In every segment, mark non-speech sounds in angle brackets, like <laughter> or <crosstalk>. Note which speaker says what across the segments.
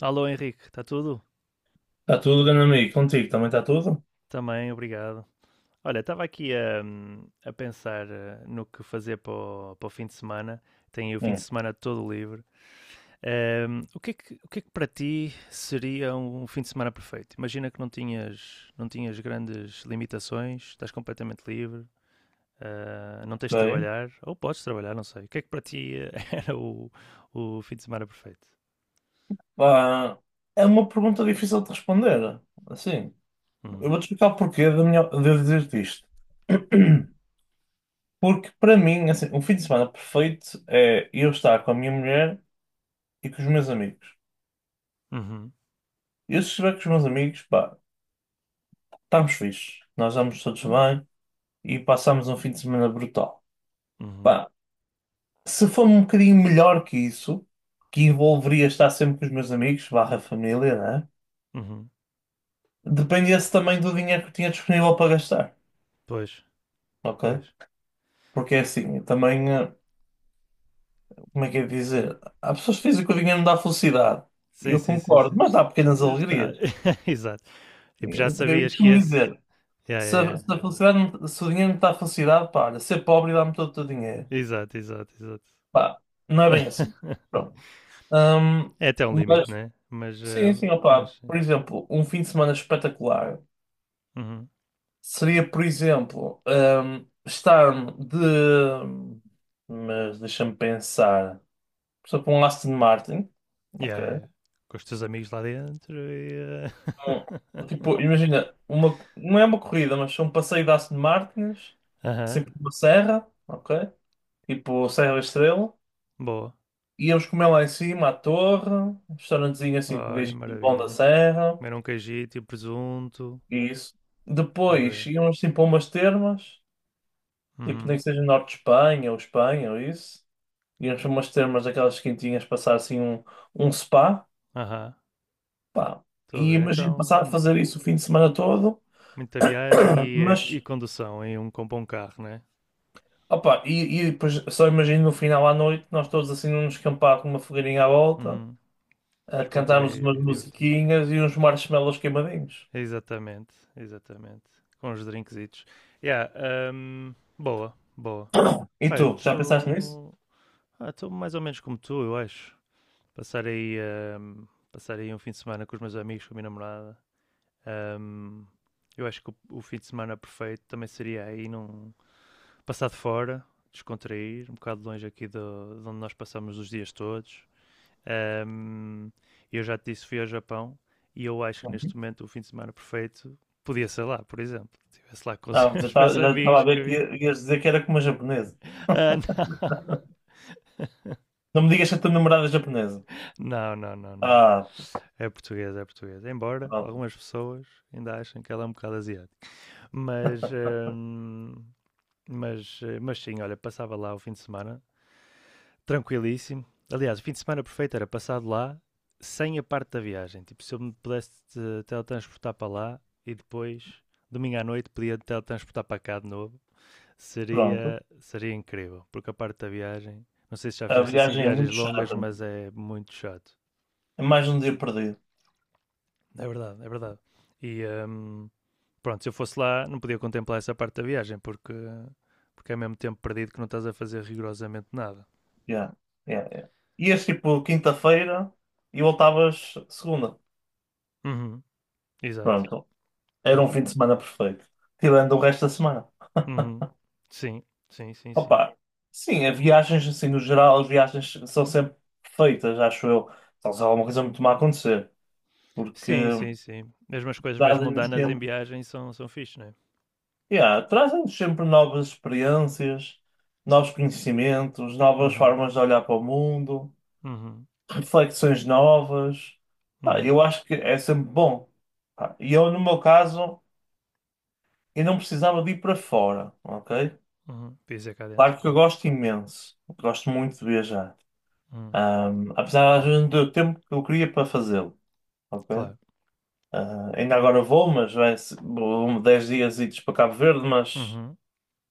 Speaker 1: Alô Henrique, está tudo?
Speaker 2: Está tudo, grande amigo? Contigo também está tudo?
Speaker 1: Também, obrigado. Olha, estava aqui a pensar no que fazer para o, para o fim de semana. Tenho aí o fim de
Speaker 2: Hum.
Speaker 1: semana todo livre. O que é que, o que é que para ti seria um fim de semana perfeito? Imagina que não tinhas grandes limitações, estás completamente livre, não tens de
Speaker 2: Ok.
Speaker 1: trabalhar, ou podes trabalhar, não sei. O que é que para ti <laughs> era o fim de semana perfeito?
Speaker 2: Pá, é uma pergunta difícil de responder. Assim, eu
Speaker 1: Uhum,
Speaker 2: vou-te explicar o porquê de eu dizer-te isto. <clears throat> Porque para mim, assim, um fim de semana perfeito é eu estar com a minha mulher e com os meus amigos.
Speaker 1: uhum,
Speaker 2: Eu se estiver com os meus amigos, pá, estamos fixes. Nós estamos todos bem e passamos um fim de semana brutal.
Speaker 1: uhum,
Speaker 2: Pá, se for um bocadinho melhor que isso, que envolveria estar sempre com os meus amigos, barra família, né?
Speaker 1: uhum.
Speaker 2: Dependia-se também do dinheiro que tinha disponível para gastar,
Speaker 1: Pois,
Speaker 2: ok?
Speaker 1: pois.
Speaker 2: Porque é assim, eu também, como é que é de dizer? Há pessoas que dizem que o dinheiro não dá felicidade. E
Speaker 1: Sim,
Speaker 2: eu
Speaker 1: sim, sim,
Speaker 2: concordo,
Speaker 1: sim.
Speaker 2: mas dá pequenas
Speaker 1: Já está.
Speaker 2: alegrias.
Speaker 1: <laughs> Exato. Tipo, já
Speaker 2: Eu
Speaker 1: sabias que
Speaker 2: costumo
Speaker 1: esse.
Speaker 2: dizer,
Speaker 1: Yeah,
Speaker 2: se
Speaker 1: yeah,
Speaker 2: a, se
Speaker 1: yeah.
Speaker 2: a felicidade, se o dinheiro não te dá felicidade, pá, olha, ser pobre dá-me todo o teu dinheiro.
Speaker 1: Exato, exato, exato.
Speaker 2: Pá, não é bem
Speaker 1: <laughs>
Speaker 2: assim. Pronto. Ahm,
Speaker 1: É até um limite,
Speaker 2: mas
Speaker 1: né? Mas.
Speaker 2: sim,
Speaker 1: eh,
Speaker 2: sim,
Speaker 1: mas
Speaker 2: opá,
Speaker 1: sim.
Speaker 2: por exemplo, um fim de semana espetacular.
Speaker 1: Uhum.
Speaker 2: Seria, por exemplo, estar de. Mas deixa-me pensar. Por exemplo, um Aston Martin.
Speaker 1: Yeah,
Speaker 2: Ok.
Speaker 1: yeah, yeah. Com os teus amigos lá dentro
Speaker 2: Um, tipo, imagina, uma, não é uma corrida, mas um passeio de Aston Martins,
Speaker 1: <laughs> Aham.
Speaker 2: sempre por uma serra, ok? Tipo Serra da Estrela.
Speaker 1: Boa.
Speaker 2: Íamos comer lá em cima, à torre, um restaurantezinho assim com o
Speaker 1: Olha,
Speaker 2: gajinho bom da
Speaker 1: maravilha.
Speaker 2: serra,
Speaker 1: Comer um cajito e um presunto.
Speaker 2: e isso.
Speaker 1: Estou a
Speaker 2: Depois
Speaker 1: ver.
Speaker 2: íamos assim para umas termas, tipo nem
Speaker 1: Uhum.
Speaker 2: que seja norte de Espanha ou Espanha ou isso. Íamos para umas termas daquelas quentinhas, passar assim um, um spa,
Speaker 1: Aham.
Speaker 2: pá.
Speaker 1: Estou a
Speaker 2: E
Speaker 1: ver.
Speaker 2: imagino passar a
Speaker 1: Então,
Speaker 2: fazer isso o fim de semana todo,
Speaker 1: muita viagem e, eh,
Speaker 2: mas,
Speaker 1: e condução com um bom carro, né?
Speaker 2: opa, e depois só imagino no final à noite, nós todos assim num descampado com uma fogueirinha à volta,
Speaker 1: Uhum.
Speaker 2: a cantarmos
Speaker 1: Descontrair
Speaker 2: umas
Speaker 1: e divertir.
Speaker 2: musiquinhas e uns marshmallows queimadinhos.
Speaker 1: Exatamente, exatamente. Com os drinkzitos. Yeah, boa, boa.
Speaker 2: E
Speaker 1: Pá, eu
Speaker 2: tu, já pensaste nisso?
Speaker 1: estou. Ah, estou mais ou menos como tu, eu acho. Passar aí, hum, passar aí um fim de semana com os meus amigos, com a minha namorada. Hum, eu acho que o fim de semana perfeito também seria aí num. Passar de fora, descontrair, um bocado longe aqui de onde nós passamos os dias todos. Ahm, eu já te disse, fui ao Japão e eu acho que neste
Speaker 2: Uhum.
Speaker 1: momento o fim de semana perfeito podia ser lá, por exemplo. Estivesse lá com os
Speaker 2: Ah,
Speaker 1: <laughs> meus
Speaker 2: já estava a
Speaker 1: amigos que
Speaker 2: ver
Speaker 1: eu
Speaker 2: que
Speaker 1: vi.
Speaker 2: ias dizer que era como uma japonesa.
Speaker 1: Ah, não. <laughs>
Speaker 2: Não me digas que a tua namorada é japonesa.
Speaker 1: Não, não, não, não.
Speaker 2: Ah,
Speaker 1: É português, é português. Embora
Speaker 2: ah,
Speaker 1: algumas pessoas ainda achem que ela é um bocado asiática. Mas, ahm, mas sim, olha, passava lá o fim de semana tranquilíssimo. Aliás, o fim de semana perfeito era passado lá sem a parte da viagem. Tipo, se eu me pudesse teletransportar para lá e depois, domingo à noite, podia teletransportar para cá de novo,
Speaker 2: pronto.
Speaker 1: seria incrível. Porque a parte da viagem, não sei se já
Speaker 2: A
Speaker 1: fizeste assim
Speaker 2: viagem é
Speaker 1: viagens
Speaker 2: muito
Speaker 1: longas,
Speaker 2: chata.
Speaker 1: mas é muito chato.
Speaker 2: É mais um dia perdido.
Speaker 1: É verdade, é verdade. E pronto, se eu fosse lá, não podia contemplar essa parte da viagem, porque é mesmo tempo perdido que não estás a fazer rigorosamente nada.
Speaker 2: Yeah, yeah, yeah. Ias tipo quinta-feira e voltavas segunda.
Speaker 1: Uhum, exato,
Speaker 2: Pronto. Era
Speaker 1: pois.
Speaker 2: um fim de semana perfeito. Tirando o resto da semana.
Speaker 1: Uhum. Sim, sim, sim, sim.
Speaker 2: Opa, sim, as viagens, assim, no geral, as viagens são sempre perfeitas, acho eu. Só se há alguma coisa muito má a acontecer. Porque
Speaker 1: Sim, sim, sim. Mesmo as coisas mais
Speaker 2: trazem-nos
Speaker 1: mundanas em
Speaker 2: sempre,
Speaker 1: viagem são fixe, né?
Speaker 2: yeah, trazem-nos sempre novas experiências, novos conhecimentos, novas
Speaker 1: Uhum,
Speaker 2: formas de olhar para o mundo,
Speaker 1: uhum,
Speaker 2: reflexões novas. Ah,
Speaker 1: uhum,
Speaker 2: eu acho que é sempre bom. Pá, e eu, no meu caso, e não precisava de ir para fora, ok?
Speaker 1: uhum. Pisa cá dentro,
Speaker 2: Claro que eu
Speaker 1: claro.
Speaker 2: gosto imenso, gosto muito de viajar.
Speaker 1: Uhum,
Speaker 2: Apesar às vezes não ter o tempo que eu queria para fazê-lo, ok?
Speaker 1: claro.
Speaker 2: Ah, ainda agora vou, mas vai se- vou 10 dias idos para Cabo Verde, mas
Speaker 1: Uhum.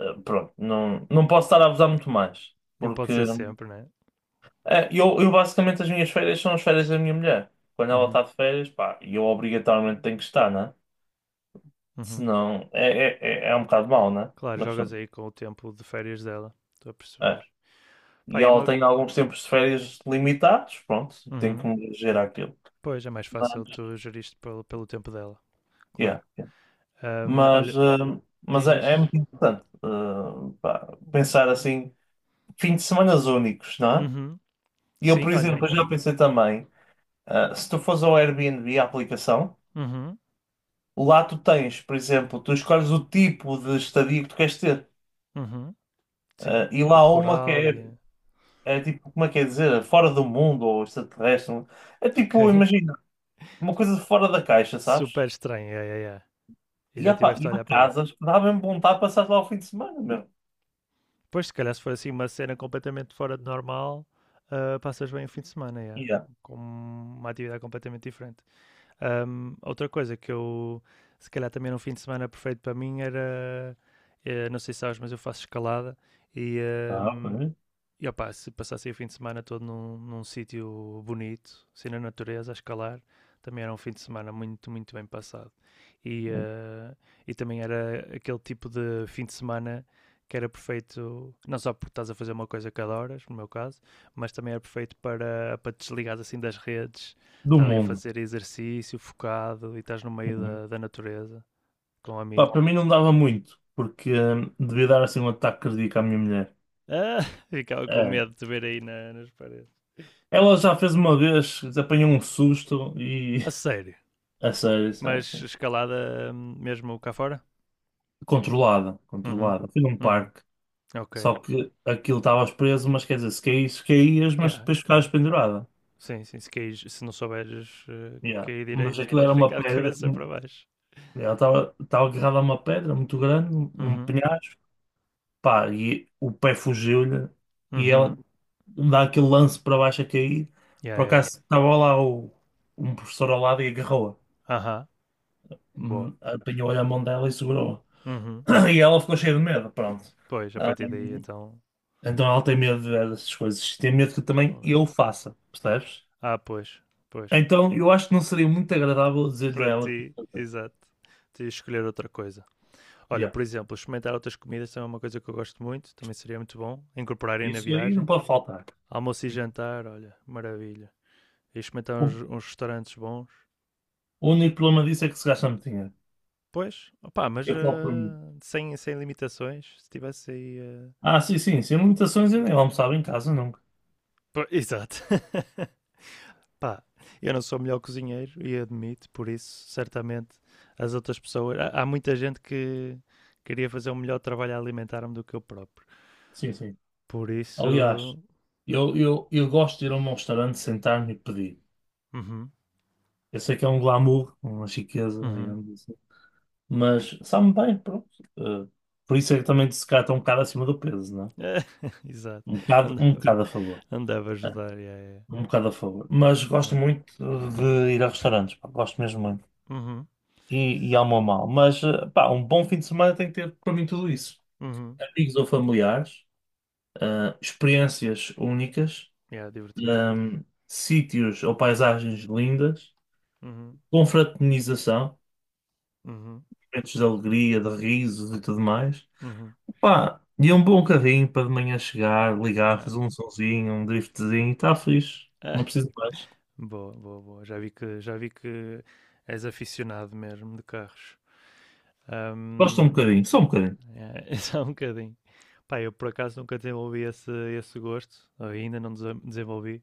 Speaker 2: ah, pronto, não, não posso estar a abusar muito mais.
Speaker 1: Não pode
Speaker 2: Porque
Speaker 1: ser sempre, né?
Speaker 2: ah, eu basicamente as minhas férias são as férias da minha mulher. Quando ela está
Speaker 1: Uhum,
Speaker 2: de férias, pá, eu obrigatoriamente tenho que estar, né?
Speaker 1: uhum.
Speaker 2: Senão é um bocado mau, né?
Speaker 1: Claro,
Speaker 2: Mas
Speaker 1: jogas
Speaker 2: pronto.
Speaker 1: aí com o tempo de férias dela. Estou a perceber. Pá,
Speaker 2: E
Speaker 1: e
Speaker 2: ela
Speaker 1: uma...
Speaker 2: tem alguns tempos de férias limitados, pronto, tem que
Speaker 1: Uhum.
Speaker 2: me gerar aquilo.
Speaker 1: Pois, é mais
Speaker 2: Mas
Speaker 1: fácil tu geriste pelo tempo dela. Claro.
Speaker 2: yeah, yeah. Mas,
Speaker 1: Olha,
Speaker 2: mas
Speaker 1: diz, diz.
Speaker 2: é muito importante pá, pensar assim, fim de semanas únicos, não é?
Speaker 1: Uhum.
Speaker 2: E eu, por
Speaker 1: Sim,
Speaker 2: exemplo,
Speaker 1: olha.
Speaker 2: eu já pensei também, se tu fores ao Airbnb, a aplicação,
Speaker 1: Uhum,
Speaker 2: lá tu tens, por exemplo, tu escolhes o tipo de estadia que tu queres ter.
Speaker 1: uhum. Sim.
Speaker 2: E lá
Speaker 1: Tipo
Speaker 2: há uma que
Speaker 1: rural
Speaker 2: é,
Speaker 1: e...
Speaker 2: é tipo, como é que é dizer, fora do mundo ou extraterrestre. É
Speaker 1: Ok.
Speaker 2: tipo, imagina, uma coisa fora da caixa, sabes?
Speaker 1: Super estranho, é, é, é. E
Speaker 2: E,
Speaker 1: já
Speaker 2: opa,
Speaker 1: estiveste
Speaker 2: e
Speaker 1: a
Speaker 2: uma
Speaker 1: olhar para
Speaker 2: casa,
Speaker 1: isso.
Speaker 2: acho que dá mesmo vontade de passar lá o fim de semana mesmo.
Speaker 1: Depois, se calhar, se for assim uma cena completamente fora de normal, ah, passas bem o fim de semana, é.
Speaker 2: Yeah.
Speaker 1: Com uma atividade completamente diferente. Outra coisa que eu, se calhar, também era um fim de semana perfeito para mim era. Não sei se sabes, mas eu faço escalada e.
Speaker 2: Ah, ok.
Speaker 1: ahm, e opá, se passasse o fim de semana todo num sítio bonito, assim na natureza, a escalar, também era um fim de semana muito, muito bem passado. E, eh, e também era aquele tipo de fim de semana que era perfeito, não só porque estás a fazer uma coisa cada hora no meu caso, mas também era perfeito para te desligares assim das redes,
Speaker 2: Do
Speaker 1: estás ali a
Speaker 2: mundo.
Speaker 1: fazer exercício focado e estás no meio
Speaker 2: Uhum.
Speaker 1: da natureza com
Speaker 2: Pá, para
Speaker 1: amigos.
Speaker 2: mim
Speaker 1: <laughs>
Speaker 2: não dava muito, porque devia dar assim um ataque cardíaco à minha mulher.
Speaker 1: Ah, ficava com
Speaker 2: É.
Speaker 1: medo de te ver aí nas paredes.
Speaker 2: Ela já fez uma vez, apanhou um susto e.
Speaker 1: A sério.
Speaker 2: <laughs> A sério, a sério, a
Speaker 1: Mas
Speaker 2: sério.
Speaker 1: escalada mesmo cá fora?
Speaker 2: Controlada,
Speaker 1: Uhum.
Speaker 2: controlada. Fui num
Speaker 1: Uhum.
Speaker 2: parque.
Speaker 1: Ok.
Speaker 2: Só que aquilo estavas preso, mas quer dizer, se caísse, caías, mas
Speaker 1: Yeah,
Speaker 2: depois ficavas
Speaker 1: cá.
Speaker 2: pendurada.
Speaker 1: Sim, sim. Se não souberes
Speaker 2: Yeah.
Speaker 1: cair
Speaker 2: Mas
Speaker 1: direito,
Speaker 2: aquilo era
Speaker 1: podes
Speaker 2: uma
Speaker 1: ficar de
Speaker 2: pedra.
Speaker 1: cabeça
Speaker 2: Que
Speaker 1: para baixo.
Speaker 2: ela estava agarrada a uma pedra muito grande, num
Speaker 1: Uhum.
Speaker 2: penhasco. Pá, e o pé fugiu-lhe e ela
Speaker 1: Uhum.
Speaker 2: dá aquele lance para baixo a cair.
Speaker 1: Yeah,
Speaker 2: Por
Speaker 1: yeah, yeah.
Speaker 2: acaso estava lá um professor ao lado e agarrou-a.
Speaker 1: Aham. Boa.
Speaker 2: Apanhou-lhe a mão dela e segurou-a.
Speaker 1: Uhum.
Speaker 2: <clears throat> E ela ficou cheia de medo, pronto.
Speaker 1: Pois, a partir daí
Speaker 2: Hum,
Speaker 1: então.
Speaker 2: então ela tem medo dessas coisas. Tem medo que
Speaker 1: Tô
Speaker 2: também
Speaker 1: a...
Speaker 2: eu faça, percebes?
Speaker 1: Ah, pois. Pois.
Speaker 2: Então eu acho que não seria muito agradável dizer-lhe a
Speaker 1: Para
Speaker 2: ela que
Speaker 1: ti,
Speaker 2: ia fazer.
Speaker 1: exato. Tens de escolher outra coisa. Olha,
Speaker 2: Yeah.
Speaker 1: por exemplo, experimentar outras comidas também é uma coisa que eu gosto muito. Também seria muito bom. Incorporarem na
Speaker 2: Isso aí não
Speaker 1: viagem.
Speaker 2: pode faltar.
Speaker 1: Almoço e jantar, olha, maravilha. E experimentar uns,
Speaker 2: O
Speaker 1: uns restaurantes bons.
Speaker 2: o único problema disso é que se gasta muito dinheiro.
Speaker 1: Pois, opá, mas
Speaker 2: Eu falo por mim.
Speaker 1: sem limitações. Se tivesse aí.
Speaker 2: Ah, sim, sim, sem limitações eu nem
Speaker 1: Seria.
Speaker 2: almoçava em casa nunca.
Speaker 1: Pô, exato. <laughs> Pá, eu não sou o melhor cozinheiro e admito, por isso, certamente, as outras pessoas. Há muita gente que queria fazer um melhor trabalho a alimentar-me do que eu próprio.
Speaker 2: Sim, sim.
Speaker 1: Por isso.
Speaker 2: Aliás, eu gosto de ir a um restaurante, sentar-me e pedir.
Speaker 1: Uhum,
Speaker 2: Eu sei que é um glamour, uma chiqueza,
Speaker 1: uhum.
Speaker 2: digamos assim. Mas sabe-me bem, pronto. Eh, por isso é que também se calhar estou um bocado acima do peso, não é?
Speaker 1: <laughs> Exato.
Speaker 2: Um
Speaker 1: Andava,
Speaker 2: bocado a favor.
Speaker 1: andava a
Speaker 2: É,
Speaker 1: ajudar. Yeah, yeah.
Speaker 2: um bocado a favor. Mas gosto muito de ir a restaurantes, pá, gosto mesmo muito.
Speaker 1: Uhum.
Speaker 2: E amo a mal. Mas, pá, um bom fim de semana tem que ter para mim tudo isso.
Speaker 1: Uhum.
Speaker 2: Amigos ou familiares, experiências únicas,
Speaker 1: Yeah, divertidas.
Speaker 2: sítios ou paisagens lindas,
Speaker 1: Uhum.
Speaker 2: confraternização,
Speaker 1: Uhum.
Speaker 2: momentos de alegria, de risos e tudo mais.
Speaker 1: Uhum.
Speaker 2: Pá, e um bom carrinho para de manhã chegar, ligar,
Speaker 1: Yeah.
Speaker 2: fazer
Speaker 1: <laughs>
Speaker 2: um sonzinho, um driftzinho, está fixe,
Speaker 1: Ah,
Speaker 2: não preciso de mais.
Speaker 1: boa, boa, boa. Já vi que és aficionado mesmo de carros.
Speaker 2: Gosto um
Speaker 1: Ahm,
Speaker 2: bocadinho, só um bocadinho.
Speaker 1: É, <laughs> é só um bocadinho. Pá, eu por acaso nunca desenvolvi esse gosto, ainda não desenvolvi.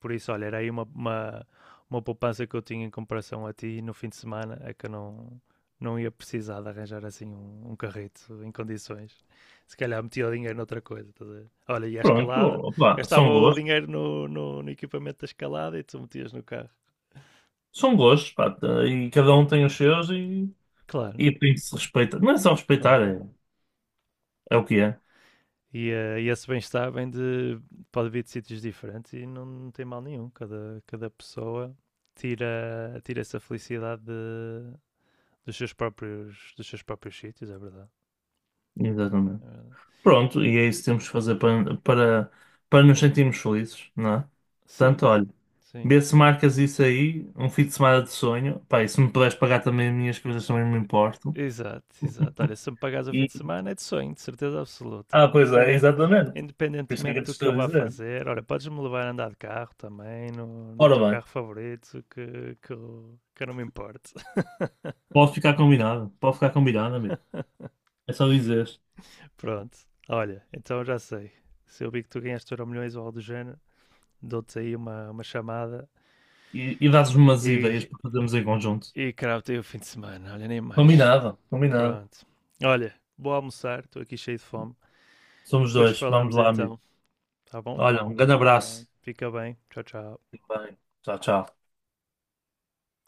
Speaker 1: Por isso, olha, era aí uma poupança que eu tinha em comparação a ti no fim de semana, é que eu não ia precisar de arranjar assim um carrito em condições. Se calhar metia o dinheiro noutra coisa. Estás a ver? Olha, e a
Speaker 2: Pronto,
Speaker 1: escalada,
Speaker 2: opá,
Speaker 1: gastava o dinheiro no equipamento da escalada e tu metias no carro.
Speaker 2: são gostos, pá, tá, e cada um tem os seus
Speaker 1: Claro,
Speaker 2: e tem que se respeitar. Não é só respeitar,
Speaker 1: claro.
Speaker 2: é, é o que é.
Speaker 1: E esse bem-estar pode vir de sítios diferentes e não tem mal nenhum. Cada pessoa tira essa felicidade dos seus próprios sítios, é verdade.
Speaker 2: Exatamente.
Speaker 1: É verdade.
Speaker 2: Pronto, e é isso que
Speaker 1: E-
Speaker 2: temos que fazer para nos sentirmos felizes, não é?
Speaker 1: sim,
Speaker 2: Portanto, olha,
Speaker 1: sim.
Speaker 2: vê se marcas isso aí, um fim de semana de sonho. Pá, e se me puderes pagar também as minhas coisas, também não me importo.
Speaker 1: Exato, exato. Olha, se me pagares o fim de
Speaker 2: E...
Speaker 1: semana é de sonho, de certeza absoluta.
Speaker 2: ah, pois é,
Speaker 1: Independente,
Speaker 2: exatamente. Por isso é que
Speaker 1: independentemente
Speaker 2: eu te
Speaker 1: do que
Speaker 2: estou
Speaker 1: eu
Speaker 2: a
Speaker 1: vá
Speaker 2: dizer.
Speaker 1: fazer. Olha, podes-me levar a andar de carro também, no
Speaker 2: Ora
Speaker 1: teu
Speaker 2: bem,
Speaker 1: carro favorito, que eu não me importo. <laughs>
Speaker 2: pode ficar combinado, amigo. É só dizer.
Speaker 1: Pronto. Olha, então já sei. Se eu vi que tu ganhaste euro milhões ou algo do género, dou-te aí uma chamada
Speaker 2: E dás-me umas
Speaker 1: e,
Speaker 2: ideias para fazermos em conjunto.
Speaker 1: e cravo-te aí o fim de semana. Olha, nem mais.
Speaker 2: Combinado, combinado.
Speaker 1: Pronto. Olha, vou almoçar, estou aqui cheio de fome.
Speaker 2: Somos
Speaker 1: Depois
Speaker 2: dois, vamos
Speaker 1: falamos
Speaker 2: lá, amigo.
Speaker 1: então, tá bom?
Speaker 2: Olha, um grande abraço.
Speaker 1: Pronto. Fica bem. Tchau, tchau.
Speaker 2: Fique bem. Tchau, tchau.